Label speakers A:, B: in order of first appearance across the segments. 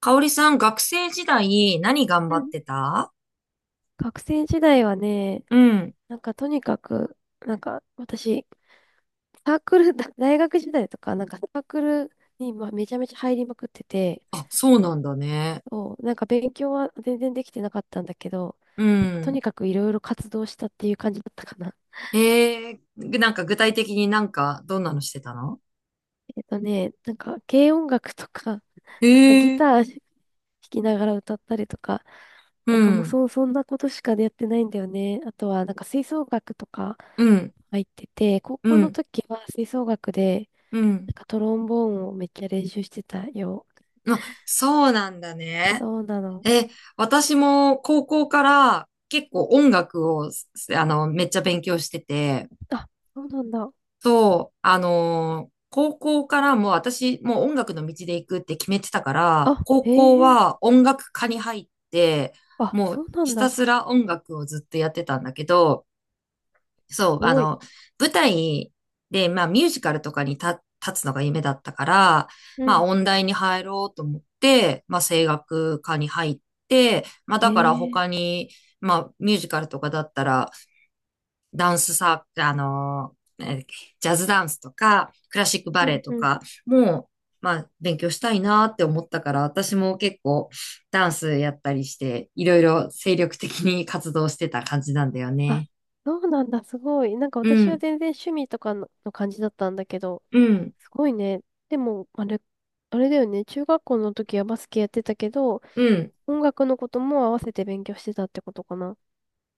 A: かおりさん、学生時代何頑
B: う
A: 張っ
B: ん。
A: てた？
B: 学生時代はね、
A: うん。
B: とにかく、私、サークル、大学時代とか、なんかサークルにめちゃめちゃ入りまくってて、
A: あ、そうなんだね。
B: そう、なんか勉強は全然できてなかったんだけど、
A: う
B: なんかと
A: ん。
B: にかくいろいろ活動したっていう感じだったかな。
A: へえ、なんか具体的になんかどんなのしてたの？
B: なんか軽音楽とか、
A: へ
B: なんかギ
A: え、
B: ター弾きながら歌ったりとか、
A: う
B: なんかもう
A: ん、
B: そ、そんなことしかやってないんだよね。あとはなんか吹奏楽とか
A: うん、
B: 入ってて、高
A: う
B: 校の
A: ん、
B: 時は吹奏楽で、
A: うん。
B: なんかトロンボーンをめっちゃ練習してたよ。
A: あ、そうなんだね。
B: そうなの。
A: え、私も高校から結構音楽を、めっちゃ勉強してて、
B: あ、そうなんだ。
A: そう、高校からもう私、もう音楽の道で行くって決めてたから、
B: あ、
A: 高
B: へ
A: 校
B: え。
A: は音楽科に入って、
B: あ、
A: も
B: そ
A: う
B: うなん
A: ひた
B: だ。
A: すら音楽をずっとやってたんだけど、そ
B: す
A: う、あ
B: ごい。
A: の、舞台で、まあミュージカルとかに立つのが夢だったから、
B: う
A: まあ
B: ん。
A: 音大に入ろうと思って、まあ声楽科に入って、まあ
B: へ
A: だから
B: え。
A: 他に、まあミュージカルとかだったら、ダンスサー、あのー、えージャズダンスとか、クラシックバ
B: う
A: レエ
B: ん
A: と
B: うん。
A: かも、まあ、勉強したいなって思ったから、私も結構ダンスやったりして、いろいろ精力的に活動してた感じなんだよ
B: あ、
A: ね。
B: そうなんだ、すごい。なんか
A: う
B: 私は
A: ん、
B: 全然趣味とかの、の感じだったんだけど、
A: うん、
B: すごいね。でも、あれ、あれだよね。中学校の時はバスケやってたけど、
A: うん。
B: 音楽のことも合わせて勉強してたってことかな。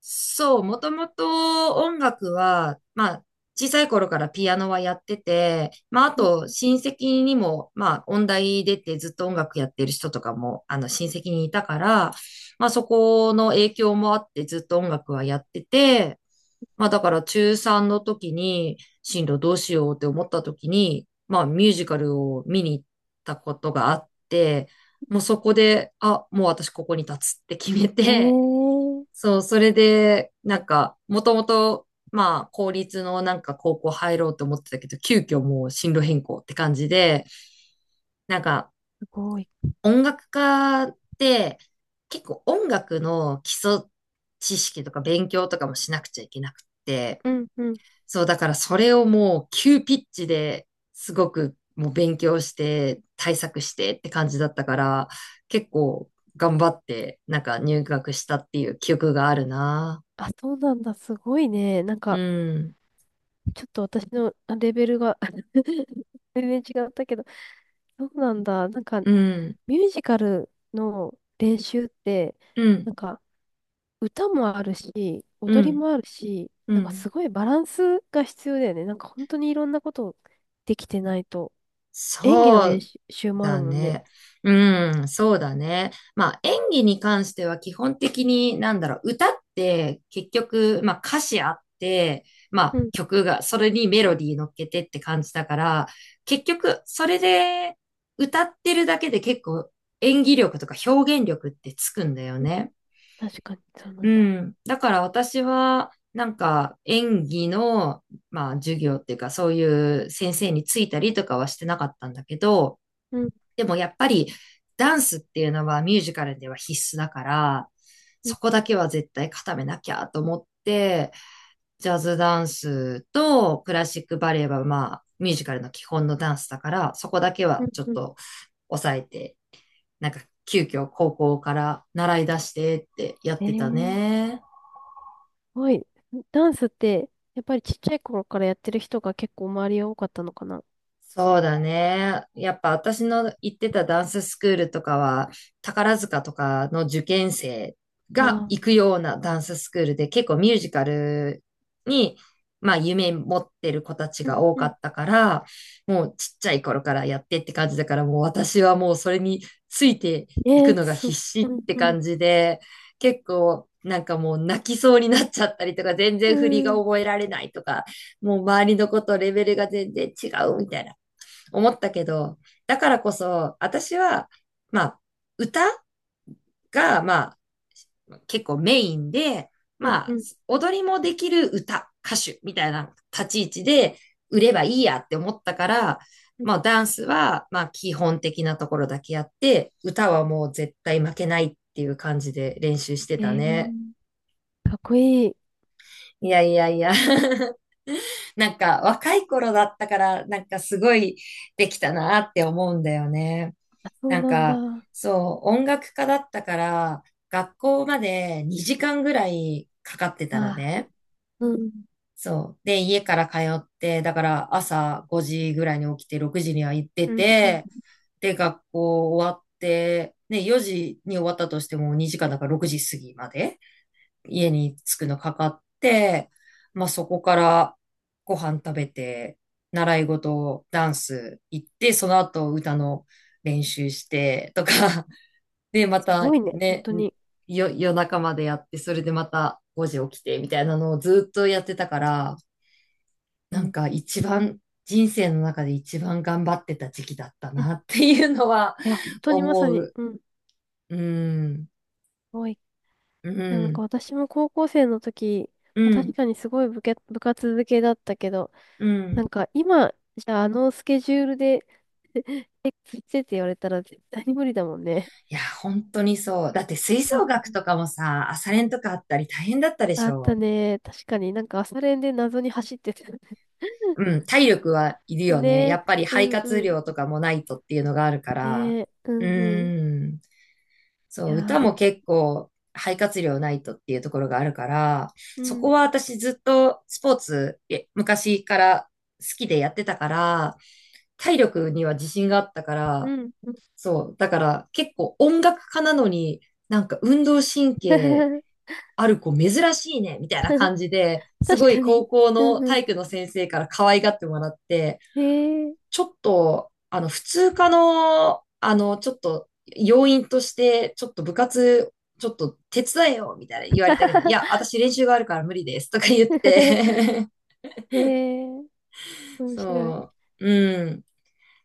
A: そう、もともと音楽は、まあ、小さい頃からピアノはやってて、まあ、あ
B: うん。
A: と、親戚にも、まあ、音大出てずっと音楽やってる人とかも、親戚にいたから、まあ、そこの影響もあってずっと音楽はやってて、まあ、だから中3の時に、進路どうしようって思った時に、まあ、ミュージカルを見に行ったことがあって、もうそこで、あ、もう私ここに立つって決め
B: え
A: て、
B: ー、
A: そう、それで、なんか、もともと、まあ、公立のなんか高校入ろうと思ってたけど、急遽もう進路変更って感じで、なんか、
B: すごい。
A: 音楽家って結構音楽の基礎知識とか勉強とかもしなくちゃいけなくって、
B: うんうん。
A: そう、だからそれをもう急ピッチですごくもう勉強して対策してって感じだったから、結構頑張ってなんか入学したっていう記憶があるな。
B: あ、そうなんだ、すごいね。なん
A: う
B: か、
A: ん。
B: ちょっと私のあレベルが 全然違ったけど、そうなんだ。なんか、
A: うん、
B: ミュージカルの練習って、
A: うん、
B: なんか、歌もあるし、
A: う
B: 踊り
A: ん、
B: もあるし、
A: う
B: なんかす
A: ん。
B: ごいバランスが必要だよね。なんか本当にいろんなことできてないと。演技の
A: そ
B: 練
A: う
B: 習もある
A: だ
B: もんね。
A: ね。うん、そうだね。まあ演技に関しては基本的になんだろう、歌って結局、まあ歌詞あって、ま
B: う
A: あ
B: ん、
A: 曲が、それにメロディー乗っけてって感じだから、結局それで歌ってるだけで結構演技力とか表現力ってつくんだよ
B: うん。
A: ね。
B: 確かにそうな
A: う
B: んだ。
A: ん。だから私は、なんか演技の、まあ、授業っていうか、そういう先生についたりとかはしてなかったんだけど、
B: うん、
A: でもやっぱりダンスっていうのはミュージカルでは必須だから、
B: うん、
A: そこだけは絶対固めなきゃと思って、ジャズダンスとクラシックバレエはまあ、ミュージカルの基本のダンスだから、そこだけ
B: う
A: は
B: ん、
A: ちょっ
B: うん。
A: と抑えて、なんか急遽高校から習い出してってやっ
B: え
A: てた
B: ー、す
A: ね。
B: ごい。ダンスって、やっぱりちっちゃい頃からやってる人が結構周りは多かったのかな。あ、
A: そうだね。やっぱ私の行ってたダンススクールとかは、宝塚とかの受験生が行
B: あ
A: くようなダンススクールで、結構ミュージカルに、まあ夢持ってる子たち
B: うん、
A: が多
B: う
A: か
B: ん。
A: ったから、もうちっちゃい頃からやってって感じだから、もう私はもうそれについてい
B: え
A: くの
B: ー、
A: が
B: す、
A: 必死
B: う
A: っ
B: ん、
A: て
B: うん、
A: 感じで、結構なんかもう泣きそうになっちゃったりとか、全
B: う
A: 然振りが
B: ん、
A: 覚えられないとか、もう周りの子とレベルが全然違うみたいな思ったけど、だからこそ、私は、まあ、歌が、まあ、結構メインで、
B: うん、
A: ま
B: う
A: あ、
B: ん。
A: 踊りもできる歌手みたいな立ち位置で売ればいいやって思ったから、
B: うん。
A: まあ、ダンスは、まあ、基本的なところだけやって、歌はもう絶対負けないっていう感じで練習して
B: え
A: たね。
B: ー、かっこいい。
A: いやいやいや なんか若い頃だったから、なんかすごいできたなって思うんだよね。
B: あ、そう
A: なん
B: なんだ。
A: か、
B: あ、
A: そう、音楽家だったから、学校まで2時間ぐらいかかってたの
B: あ
A: ね。
B: うん、
A: そう。で、家から通って、だから朝5時ぐらいに起きて、6時には行って
B: うん、うん。
A: て、で、学校終わって、ね、4時に終わったとしても2時間だから6時過ぎまで家に着くのかかって、まあそこからご飯食べて、習い事、ダンス行って、その後歌の練習してとか、で、ま
B: すご
A: た
B: いね、本
A: ね、
B: 当に。
A: 夜中までやって、それでまた5時起きて、みたいなのをずっとやってたから、
B: う
A: なん
B: ん。
A: か一番、人生の中で一番頑張ってた時期だったなっていうのは
B: いや、本 当にまさ
A: 思
B: に、
A: う。
B: うん、す
A: うん、
B: ごい。
A: う
B: なんか
A: ん、
B: 私も高校生の時、
A: う
B: まあ、確
A: ん、
B: かにすごい部け、部活付けだったけど、
A: う
B: な
A: ん。
B: んか今、じゃああのスケジュールで、え、ついてって言われたら絶対に無理だもんね。
A: いや、本当にそう。だって吹
B: うん。
A: 奏楽とかもさ、朝練とかあったり大変だったでし
B: あった
A: ょ。
B: ね。確かになんか朝練で謎に走ってた。
A: う ん、体力はいるよね。
B: ね
A: や
B: え。
A: っぱり
B: う
A: 肺
B: んう
A: 活
B: ん。
A: 量とかもないとっていうのがあるから。
B: ねえ。う
A: う
B: んうん。い
A: ん。そう、
B: や
A: 歌
B: ー、
A: も
B: そ
A: 結構肺活量ないとっていうところがあるから、
B: う。う
A: そこ
B: ん。
A: は私ずっとスポーツ昔から好きでやってたから、体力には自信があったか
B: う
A: ら、
B: ん。うん。
A: そう、だから結構音楽家なのになんか運動神経 ある子珍しいね、みたいな感じで、す
B: 確
A: ごい
B: かに。
A: 高校
B: う
A: の
B: んうん。
A: 体育の先生から可愛がってもらって、
B: へえ。
A: ちょっと、あの、普通科の、あの、ちょっと、要因として、ちょっと部活、ちょっと手伝えよ、みたいな言われたけど、いや、私練習があるから無理です、とか言っ て
B: へえ、面白い。
A: そう、うん。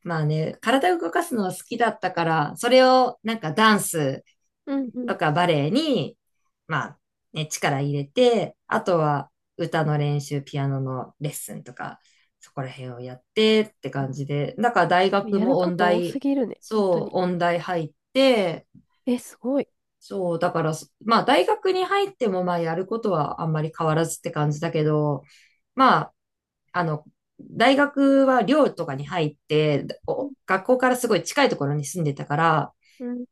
A: まあね、体を動かすのは好きだったから、それをなんかダンス
B: うんう
A: とかバレエに、まあ、ね、力入れて、あとは歌の練習、ピアノのレッスンとか、そこら辺をやってって感じで、だから大
B: ん。
A: 学
B: やる
A: も
B: こ
A: 音
B: と多す
A: 大、
B: ぎるね、本当
A: そ
B: に。
A: う、音大入って、
B: え、すごい。
A: そう、だからそ、まあ大学に入ってもまあやることはあんまり変わらずって感じだけど、まあ、あの、大学は寮とかに入って、お学校からすごい近いところに住んでたから、
B: うん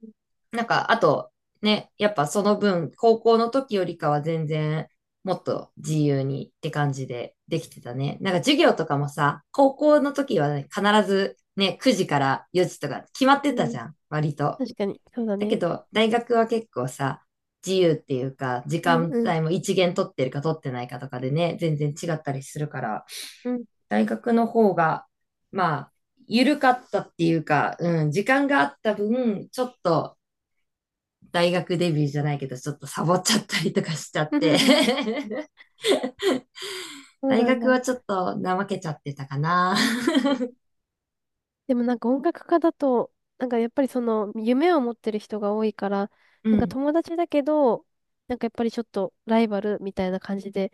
A: なんか、あと、ね、やっぱその分、高校の時よりかは全然、もっと自由にって感じでできてたね。なんか授業とかもさ、高校の時はね、必ずね、9時から4時とか決まって
B: う
A: たじ
B: ん。
A: ゃん、割と。
B: 確かに、そうだ
A: だけ
B: ね。
A: ど、大学は結構さ、自由っていうか、時
B: うん
A: 間
B: うん
A: 帯も一限取ってるか取ってないかとかでね、全然違ったりするから、
B: うん。うん。
A: 大学の方が、まあ、緩かったっていうか、うん、時間があった分、ちょっと大学デビューじゃないけど、ちょっとサボっちゃったりとかしちゃ っ
B: う
A: て
B: ん。 そう
A: 大
B: なん
A: 学
B: だ。
A: はちょっと怠けちゃってたかな。
B: でもなんか音楽家だと、なんかやっぱりその夢を持ってる人が多いから、
A: う
B: なんか
A: ん、
B: 友達だけど、なんかやっぱりちょっとライバルみたいな感じで、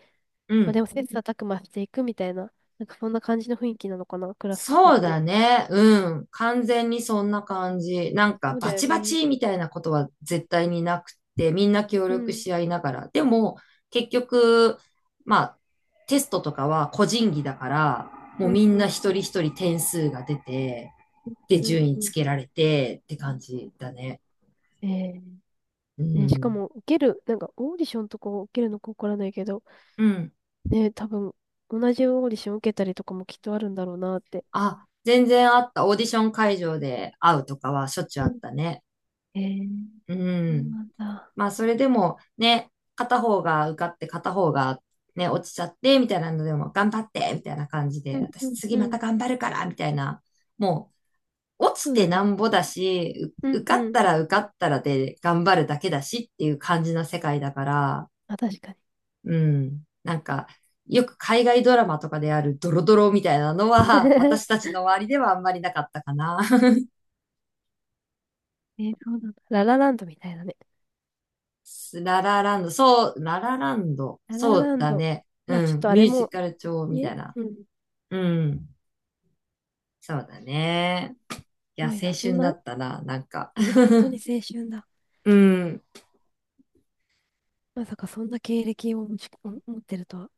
A: う
B: まあで
A: ん。
B: も切磋琢磨していくみたいな、なんかそんな感じの雰囲気なのかな、クラスとかっ
A: そう
B: て。
A: だね。うん。完全にそんな感じ。なん
B: そ
A: か、
B: う
A: バ
B: だよ
A: チバ
B: ね。
A: チみたいなことは絶対になくて、みんな協
B: う
A: 力
B: ん。
A: し合いながら。でも、結局、まあ、テストとかは個人技だから、もう
B: うん
A: みん
B: う
A: な
B: ん
A: 一
B: う
A: 人
B: ん。
A: 一人点数が出て、で、
B: うん
A: 順位
B: う
A: つ
B: ん。
A: けられてって感じだね。
B: ええ。
A: う
B: ね、しか
A: ん。
B: も受ける、なんかオーディションとか受けるのかわからないけど、
A: うん。
B: ね、多分同じオーディション受けたりとかもきっとあるんだろうなって。
A: あ、全然あった。オーディション会場で会うとかはしょっちゅうあ
B: う
A: っ
B: ん。
A: たね。
B: えー、
A: う
B: そう
A: ん。
B: なんだ。
A: まあ、それでもね、片方が受かって片方がね、落ちちゃってみたいなのでも、頑張ってみたいな感じ
B: う
A: で、
B: んう
A: 私
B: ん
A: 次
B: う
A: ま
B: ん。
A: た頑張るからみたいな。もう、落ち
B: そう
A: て
B: だ
A: な
B: ね。
A: んぼだし、
B: うん
A: 受かっ
B: うん。
A: たら受かったらで頑張るだけだしっていう感じな世界だから、
B: あ、確かに。
A: うん。なんか、よく海外ドラマとかであるドロドロみたいなのは、私た ちの周りではあんまりなかったかな。
B: えー、そうなんだ。ララランドみたいなね。
A: ララランド、そう、ララランド、
B: ララ
A: そう
B: ラン
A: だ
B: ド。
A: ね。
B: まあちょ
A: う
B: っ
A: ん、
B: とあ
A: ミュ
B: れ
A: ージ
B: も、
A: カル調みた
B: ね、
A: いな。
B: うん。す
A: うん、そうだね。いや、
B: ごい
A: 青
B: な。そん
A: 春だ
B: な、
A: ったな、なんか。
B: ね、本当に 青春だ。
A: うん、
B: まさかそんな経歴を持ち、持ってるとは。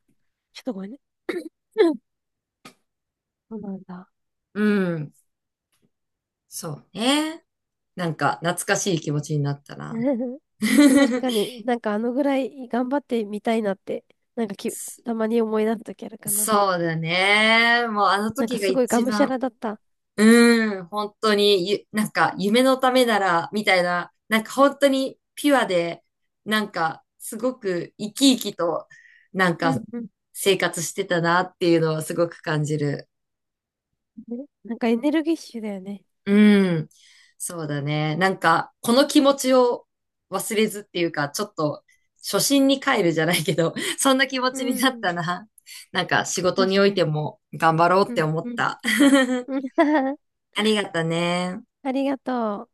B: ちょっとごめんね。うん。 そうなんだ。
A: うん、そうね。なんか、懐かしい気持ちになったな。
B: 確 かになんかあのぐらい頑張ってみたいなって、なんかき、たまに思い出すときあるかな。
A: そうだね。もうあの
B: なんか
A: 時が
B: すごいが
A: 一
B: むしゃ
A: 番
B: らだった。
A: うーん、本当になんか夢のためなら、みたいな、なんか本当にピュアで、なんかすごく生き生きと、なん
B: うん
A: か
B: うん。
A: 生活してたなっていうのはすごく感じる。
B: ね、なんかエネルギッシュだよね。
A: うん、そうだね。なんかこの気持ちを忘れずっていうか、ちょっと初心に帰るじゃないけど、そんな気持
B: う
A: ちに
B: んう
A: なっ
B: ん。
A: たな。なんか仕事に
B: 確
A: お
B: か
A: い
B: に。
A: ても頑張ろうっ
B: う
A: て
B: ん
A: 思っ
B: うん。
A: た。
B: うん。
A: ありがとね。
B: ありがとう。